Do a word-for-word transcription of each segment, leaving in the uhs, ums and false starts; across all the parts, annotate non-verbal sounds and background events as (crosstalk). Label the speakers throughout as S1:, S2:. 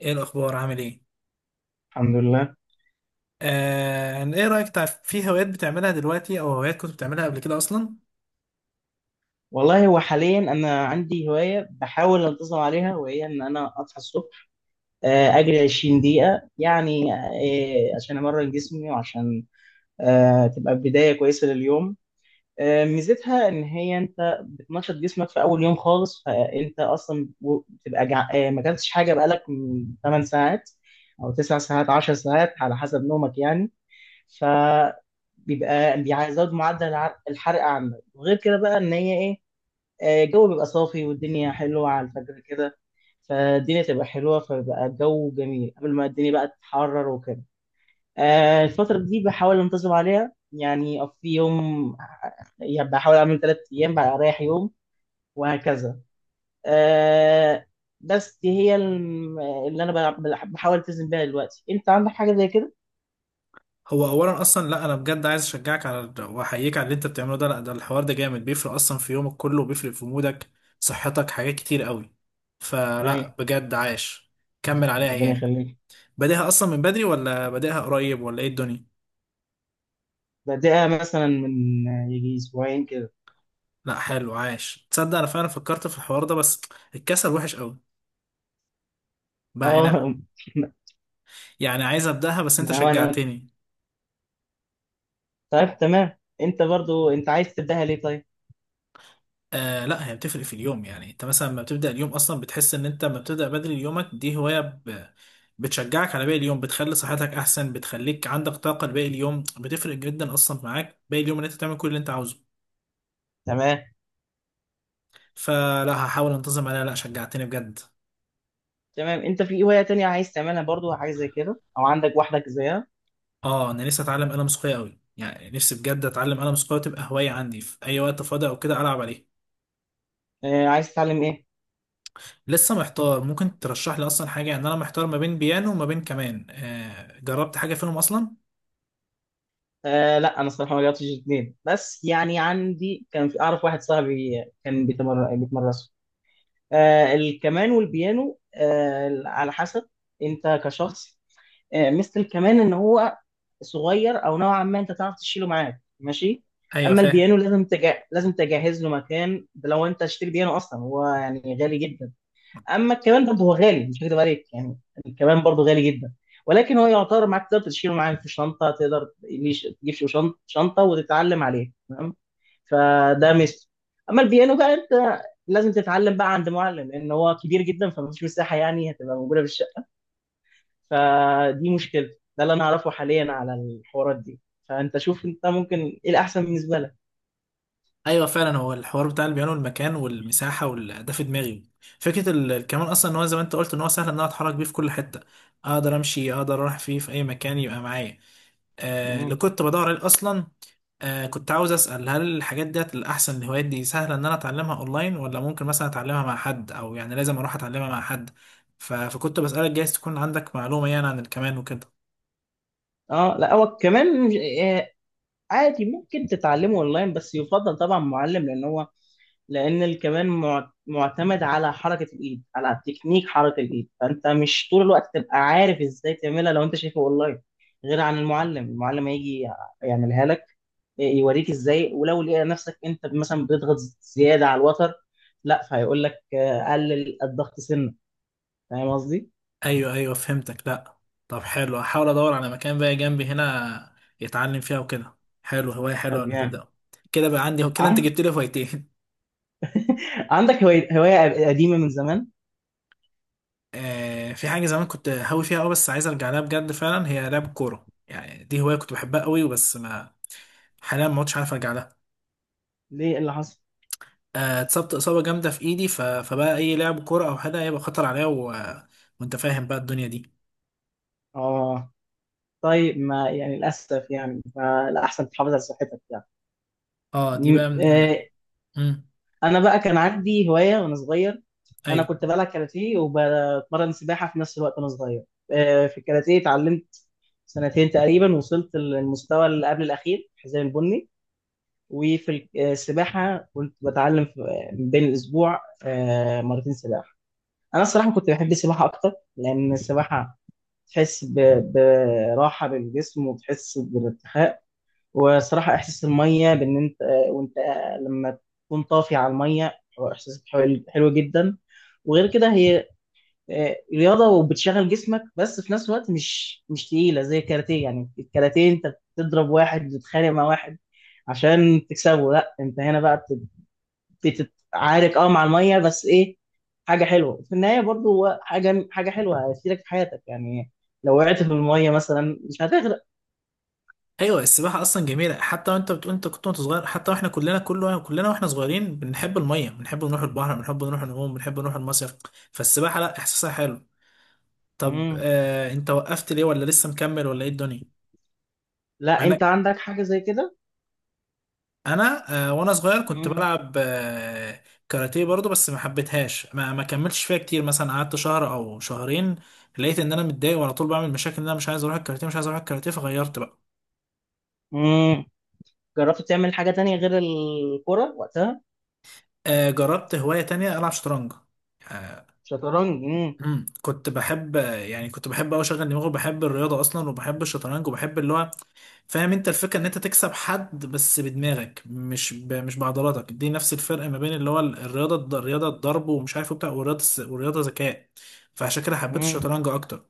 S1: ايه الاخبار؟ عامل ايه؟
S2: الحمد لله.
S1: آه، ايه رايك تع- في هوايات بتعملها دلوقتي او هوايات كنت بتعملها قبل كده اصلا؟
S2: والله هو حاليا انا عندي هوايه بحاول انتظم عليها، وهي ان انا اصحى الصبح، آه، اجري عشرين دقيقه يعني، آه، عشان امرن جسمي وعشان آه، تبقى بدايه كويسه لليوم. آه، ميزتها ان هي انت بتنشط جسمك في اول يوم خالص، فانت اصلا و- بتبقى جع... آه، ما اكلتش حاجه بقالك ثماني ساعات او تسع ساعات عشر ساعات على حسب نومك يعني. ف بيبقى بيزود معدل الع- الحرق عندك. وغير كده بقى ان هي ايه، آه، الجو بيبقى صافي والدنيا حلوة على الفجر كده. فالدنيا تبقى حلوة، فبقى الجو جميل قبل ما الدنيا بقى تتحرر وكده. آه، الفترة دي بحاول أنتظم عليها، يعني في يوم، يعني بحاول أعمل ثلاث أيام بعد أريح يوم وهكذا. آه، بس دي هي الم- اللي أنا بلع- بحاول ألتزم بيها دلوقتي. أنت عندك حاجة زي كده؟
S1: هو اولا اصلا، لا انا بجد عايز اشجعك على واحييك على اللي انت بتعمله ده. لا، ده الحوار ده جامد، بيفرق اصلا في يومك كله وبيفرق في مودك، صحتك، حاجات كتير قوي. فلا
S2: أيوة.
S1: بجد، عاش، كمل عليها
S2: ربنا
S1: يعني.
S2: يخليك.
S1: بادئها اصلا من بدري، ولا بادئها قريب، ولا ايه الدنيا؟
S2: بدأها مثلا من يجي أسبوعين كده.
S1: لا حلو، عاش. تصدق انا فعلا فكرت في الحوار ده، بس الكسل وحش قوي بقى يعني
S2: أه. (laughs)
S1: يعني عايز ابداها، بس انت
S2: ما هو أنا.
S1: شجعتني.
S2: طيب، تمام. انت برضو انت عايز تبداها ليه؟ طيب.
S1: آه لا، هي بتفرق في اليوم، يعني انت مثلا لما بتبدأ اليوم اصلا بتحس ان انت لما بتبدأ بدري يومك دي هواية ب... بتشجعك على باقي اليوم، بتخلي صحتك احسن، بتخليك عندك طاقة لباقي اليوم، بتفرق جدا اصلا معاك باقي اليوم ان انت تعمل كل اللي انت عاوزه.
S2: تمام.
S1: فلا، هحاول انتظم عليها. لا، شجعتني بجد.
S2: تمام، انت في ايه هواية تانية عايز تعملها برضو، حاجة زي كده او عندك واحدة زيها؟
S1: اه، انا نفسي اتعلم آلة موسيقية قوي، يعني نفسي بجد اتعلم آلة موسيقية وتبقى هواية عندي في اي وقت فاضي، او كده العب عليه.
S2: آه عايز تتعلم ايه؟
S1: لسه محتار، ممكن ترشح لي اصلا حاجة يعني؟ انا محتار ما بين بيانو وما بين كمان، آه جربت حاجة فيهم اصلا؟
S2: آه لا، انا صراحة ما جربتش الاثنين، بس يعني عندي كان في، اعرف واحد صاحبي كان بيتمر بيتمرسوا. آه الكمان والبيانو. آه على حسب انت كشخص، آه، مثل كمان ان هو صغير او نوعا ما، انت تعرف تشيله معاك. ماشي.
S1: ايوه
S2: اما
S1: فاهم.
S2: البيانو لازم تجا... لازم تجهز له مكان. ده لو انت هتشتري بيانو اصلا، هو يعني غالي جدا. اما الكمان برضه هو غالي، مش هكدب عليك يعني. الكمان برضه غالي جدا، ولكن هو يعتبر معاك، تقدر تشيله معاك في شنطه. تقدر ليش- تجيب شو- شنط- شنطه وتتعلم عليه. تمام. فده مثل. اما البيانو بقى، انت لازم تتعلم بقى عند معلم، لان هو كبير جدا، فمفيش مساحه يعني هتبقى موجوده في الشقه. فدي مشكلة. ده اللي انا اعرفه حاليا على الحوارات دي. فانت شوف انت ممكن ايه الاحسن بالنسبة لك؟
S1: ايوه فعلا، هو الحوار بتاع البيانو، المكان والمساحه وال- ده في دماغي. فكره ال- الكمان اصلا ان هو زي ما انت قلت ان هو سهل ان انا اتحرك بيه في كل حته، اقدر امشي، اقدر اروح فيه في اي مكان يبقى معايا. آه اللي
S2: مم.
S1: كنت بدور عليه اصلا. آه كنت عاوز اسال، هل الحاجات ديت الاحسن، الهوايات دي سهله ان انا اتعلمها اونلاين، ولا ممكن مثلا اتعلمها مع حد، او يعني لازم اروح اتعلمها مع حد؟ ف- فكنت بسالك جايز تكون عندك معلومه يعني عن الكمان وكده.
S2: اه، لا هو كمان مش- آه، عادي، ممكن تتعلمه اونلاين، بس يفضل طبعا معلم لان هو، لان الكمان مع- معتمد على حركة الايد، على تكنيك حركة الايد. فانت مش طول الوقت تبقى عارف ازاي تعملها لو انت شايفه اونلاين. غير عن المعلم المعلم هيجي يعملها لك، يوريك ازاي. ولو لقى نفسك انت مثلا بتضغط زياده على الوتر، لا فهيقول لك آه، قلل الضغط سنه. فاهم قصدي؟
S1: ايوه، ايوه، فهمتك. لا، طب حلو، هحاول ادور على مكان بقى جنبي هنا يتعلم فيها وكده. حلو، هوايه حلوه
S2: طب
S1: ان
S2: يعني
S1: تبدا. كده بقى عندي، كده انت
S2: عن-
S1: جبت لي هوايتين (laughs)
S2: (laughs) عندك هواية هواية قديمة من زمان؟
S1: آه في حاجه زمان كنت هاوي فيها قوي، بس عايز ارجع لها بجد. فعلا هي لعب كوره، يعني دي هوايه كنت بحبها قوي، وبس ما حاليا ما عدتش عارف ارجع لها.
S2: ليه؟ إيه اللي حصل؟
S1: آه، اتصبت اصابه جامده في ايدي، ف... فبقى اي لعب كوره او حاجه هيبقى خطر عليا، و... وانت فاهم بقى الدنيا دي.
S2: اه. طيب ما يعني، للأسف يعني. فالأحسن تحافظ على صحتك يعني.
S1: اه، دي
S2: م-
S1: بقى من...
S2: آه،
S1: مم.
S2: انا بقى كان عندي هوايه وانا صغير. انا
S1: ايوه،
S2: كنت بلعب كاراتيه وبتمرن سباحه في نفس الوقت وانا صغير. آه، في الكاراتيه اتعلمت سنتين تقريبا. وصلت للمستوى اللي قبل الاخير، الحزام البني. وفي السباحه كنت بتعلم في بين الاسبوع آه، مرتين سباحه. انا الصراحه كنت بحب السباحه اكتر، لان السباحه تحس ب- براحه للجسم، وتحس بالارتخاء. وصراحة إحساس المية بإن أنت، وأنت لما تكون طافي على المية، هو إحساس حلو حلو جدا. وغير كده هي آه، رياضة وبتشغل جسمك، بس في نفس الوقت مش مش تقيلة زي الكاراتيه. يعني الكاراتيه أنت بتضرب واحد وتتخانق مع واحد عشان تكسبه. لا أنت هنا بقى بت- بتتعارك، أه مع المية. بس إيه، حاجة حلوة في النهاية برضو، هو حاجة حاجة حلوة هتفيدك في حياتك يعني. لو وقعت في المية مثلا، مش هتغرق.
S1: ايوه، السباحه اصلا جميله، حتى وانت بتقول انت كنت وانت صغير، حتى واحنا كلنا كله كلنا واحنا صغيرين بنحب الميه، بنحب نروح البحر، بنحب نروح نعوم، بنحب نروح المصيف، فالسباحه لا، احساسها حلو. طب
S2: مم.
S1: آه انت وقفت ليه، ولا لسه مكمل، ولا ايه الدنيا؟
S2: لا،
S1: انا
S2: أنت عندك حاجة زي كده؟
S1: انا آه وانا صغير كنت بلعب آه كاراتيه برضو، بس ما حبيتهاش، ما, ما كملتش فيها كتير، مثلا قعدت شهر او شهرين. لقيت ان انا متضايق، وعلى طول بعمل مشاكل ان انا مش عايز اروح الكاراتيه، مش عايز اروح الكاراتيه، فغيرت بقى.
S2: مم. جربت تعمل حاجة تانية غير الكرة وقتها؟
S1: آه جربت هوايه تانية، العب شطرنج. آه،
S2: شطرنج. مم.
S1: مم. كنت بحب، يعني كنت بحب أوي أشغل دماغي، وبحب الرياضة أصلا، وبحب الشطرنج، وبحب اللي هو فاهم أنت الفكرة، إن أنت تكسب حد بس بدماغك، مش ب... مش بعضلاتك. دي نفس الفرق ما بين اللي هو ال- الرياضة الض- الرياضة الضرب ومش عارف وبتاع، والرياضة الس- والرياضة ذكاء، فعشان كده حبيت
S2: مم.
S1: الشطرنج أكتر.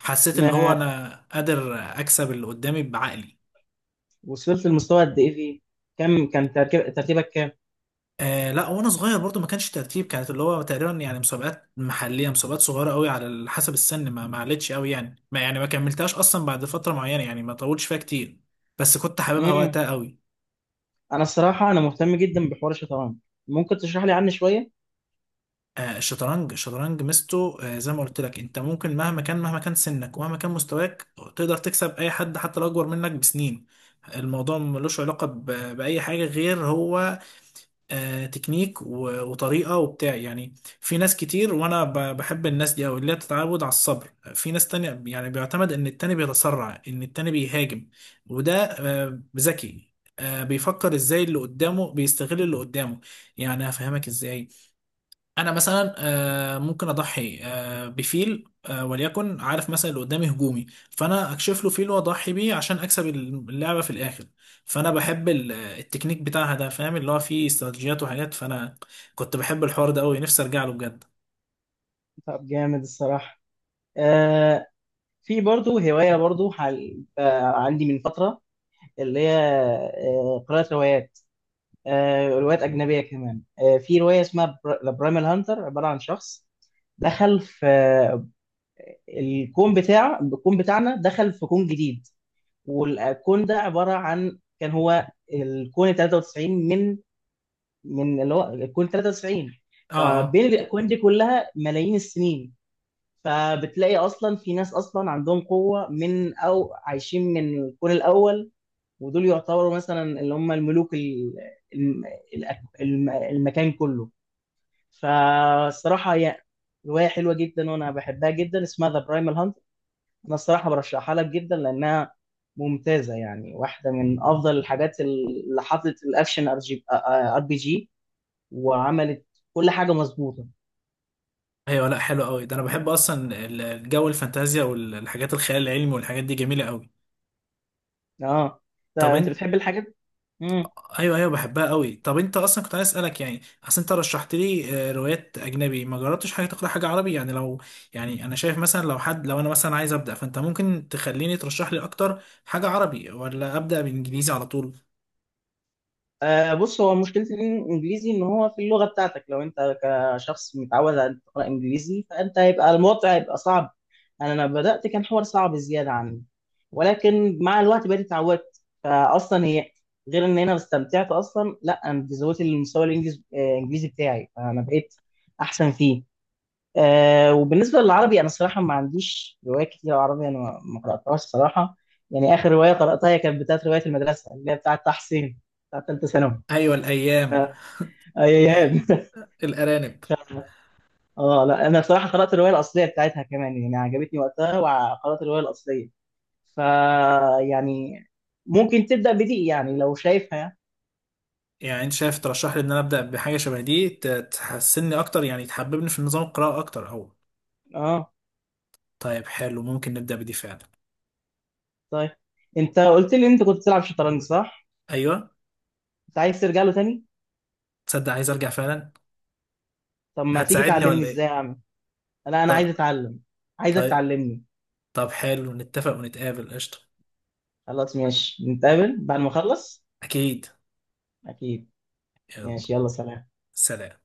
S1: حسيت اللي هو
S2: آه،
S1: أنا قادر أكسب اللي قدامي بعقلي.
S2: وصلت لمستوى قد ايه فيه؟ كم كان تركيب... ترتيبك كام؟
S1: آه لا، وانا صغير برضو ما كانش ترتيب، كانت اللي هو تقريبا يعني مسابقات محليه، مسابقات صغيره قوي على ال- حسب السن، ما ما علتش قوي يعني، ما يعني ما كملتهاش اصلا بعد فتره معينه يعني، ما طولتش فيها كتير، بس كنت حاببها
S2: مم.
S1: وقتها قوي.
S2: انا الصراحة، انا مهتم جدا بحوار الشطرنج. ممكن تشرح لي عنه شوية؟
S1: آه الشطرنج الشطرنج ميزته، آه زي ما قلت لك، انت ممكن مهما كان، مهما كان سنك، ومهما كان مستواك، تقدر تكسب اي حد حتى لو اكبر منك بسنين. الموضوع ملوش علاقه ب- باي حاجه غير هو آه، تكنيك و- وطريقة وبتاع يعني. في ناس كتير، وانا ب- بحب الناس دي، او اللي هي بتتعود على الصبر. في ناس تانية يعني بيعتمد ان التاني بيتسرع، ان التاني بيهاجم، وده آه، ذكي، آه، بيفكر ازاي اللي قدامه، بيستغل اللي قدامه، يعني هفهمك ازاي. انا مثلا آه، ممكن اضحي آه، بفيل، آه، وليكن عارف مثلا اللي قدامي هجومي، فانا اكشف له فيل واضحي بيه عشان اكسب اللعبه في الاخر. فانا بحب ال- التكنيك بتاعها ده، فاهم، اللي هو فيه استراتيجيات وحاجات، فانا كنت بحب الحوار ده قوي، نفسي ارجع له بجد.
S2: طب جامد الصراحة. آه في برضو هواية برضو حال... آه عندي من فترة، اللي هي آه قراءة روايات. آه روايات أجنبية كمان. آه في رواية اسمها ذا برايمال هانتر، عبارة عن شخص دخل في الكون بتاع، الكون بتاعنا دخل في كون جديد. والكون ده عبارة عن، كان هو الكون تلاتة وتسعين من من اللي هو الكون تلاتة وتسعين.
S1: اه، اه،
S2: فبين الاكوان دي كلها ملايين السنين. فبتلاقي اصلا في ناس، اصلا عندهم قوه من، او عايشين من الكون الاول. ودول يعتبروا مثلا اللي هم الملوك ال- الم- الأك- الم- المكان كله. فالصراحه هي روايه حلوه جدا، وانا بحبها جدا، اسمها ذا برايمال. انا الصراحه برشحها لك جدا لانها ممتازه، يعني واحده من افضل الحاجات اللي حطت الاكشن ار جي ار بي جي، وعملت كل حاجه مظبوطه.
S1: ايوه، لا حلو قوي ده، انا بحب اصلا ال- الجو الفانتازيا والحاجات الخيال العلمي، والحاجات دي جميله قوي.
S2: اه. انت
S1: طب،
S2: أنت بتحب الحاجات؟
S1: ايوه، ايوه، بحبها قوي. طب انت اصلا كنت عايز اسالك يعني، اصل انت رشحت لي آه، روايات اجنبي، ما جربتش حاجه تقرا حاجه عربي يعني؟ لو يعني انا شايف مثلا لو حد، لو انا مثلا عايز ابدا، فانت ممكن تخليني ترشح لي اكتر حاجه عربي، ولا ابدا بانجليزي على طول؟
S2: آه بص، هو مشكلة الإنجليزي إن هو في اللغة بتاعتك. لو أنت كشخص متعود على أن تقرأ إنجليزي، فأنت هيبقى الموضوع هيبقى صعب. يعني أنا لما بدأت كان حوار صعب زيادة عني. ولكن مع الوقت بقيت اتعودت. فأصلا هي غير إن أنا استمتعت أصلا، لا أنا زودت المستوى الإنجليز- آه، الإنجليزي بتاعي. فأنا بقيت أحسن فيه. آه وبالنسبة للعربي، أنا صراحة ما عنديش روايات كتير عربي. أنا ما ما قرأتهاش صراحة. يعني آخر رواية قرأتها هي كانت بتاعت رواية المدرسة اللي هي بتاعت تحسين، بتاعت تالتة ثانوي.
S1: ايوه الايام،
S2: آه، ايام ف-
S1: الارانب.
S2: (laughs) اه، لا انا صراحه قرات الروايه الاصليه بتاعتها كمان، يعني عجبتني وقتها وقرات الروايه الاصليه. ف يعني ممكن تبدا بدي يعني، لو شايفها يعني.
S1: يعني انت شايف ترشح لي ان انا ابدا بحاجه شبه دي ت- تحسني اكتر، يعني تحببني في نظام القراءه اكتر او؟
S2: اه.
S1: طيب حلو، ممكن نبدا بدي فعلا.
S2: طيب، انت قلت لي انت كنت بتلعب شطرنج، صح؟
S1: ايوه،
S2: انت عايز ترجع له تاني؟
S1: تصدق عايز ارجع فعلا.
S2: طب ما تيجي
S1: هتساعدني
S2: تعلمني
S1: ولا ايه؟
S2: ازاي اعمل. لا، انا عايز اتعلم. عايزك
S1: طيب،
S2: تعلمني.
S1: طب حلو، نتفق ونتقابل قشطة.
S2: خلاص، ماشي. نتقابل بعد ما اخلص.
S1: أكيد.
S2: اكيد.
S1: يلا
S2: ماشي، يلا سلام.
S1: سلام.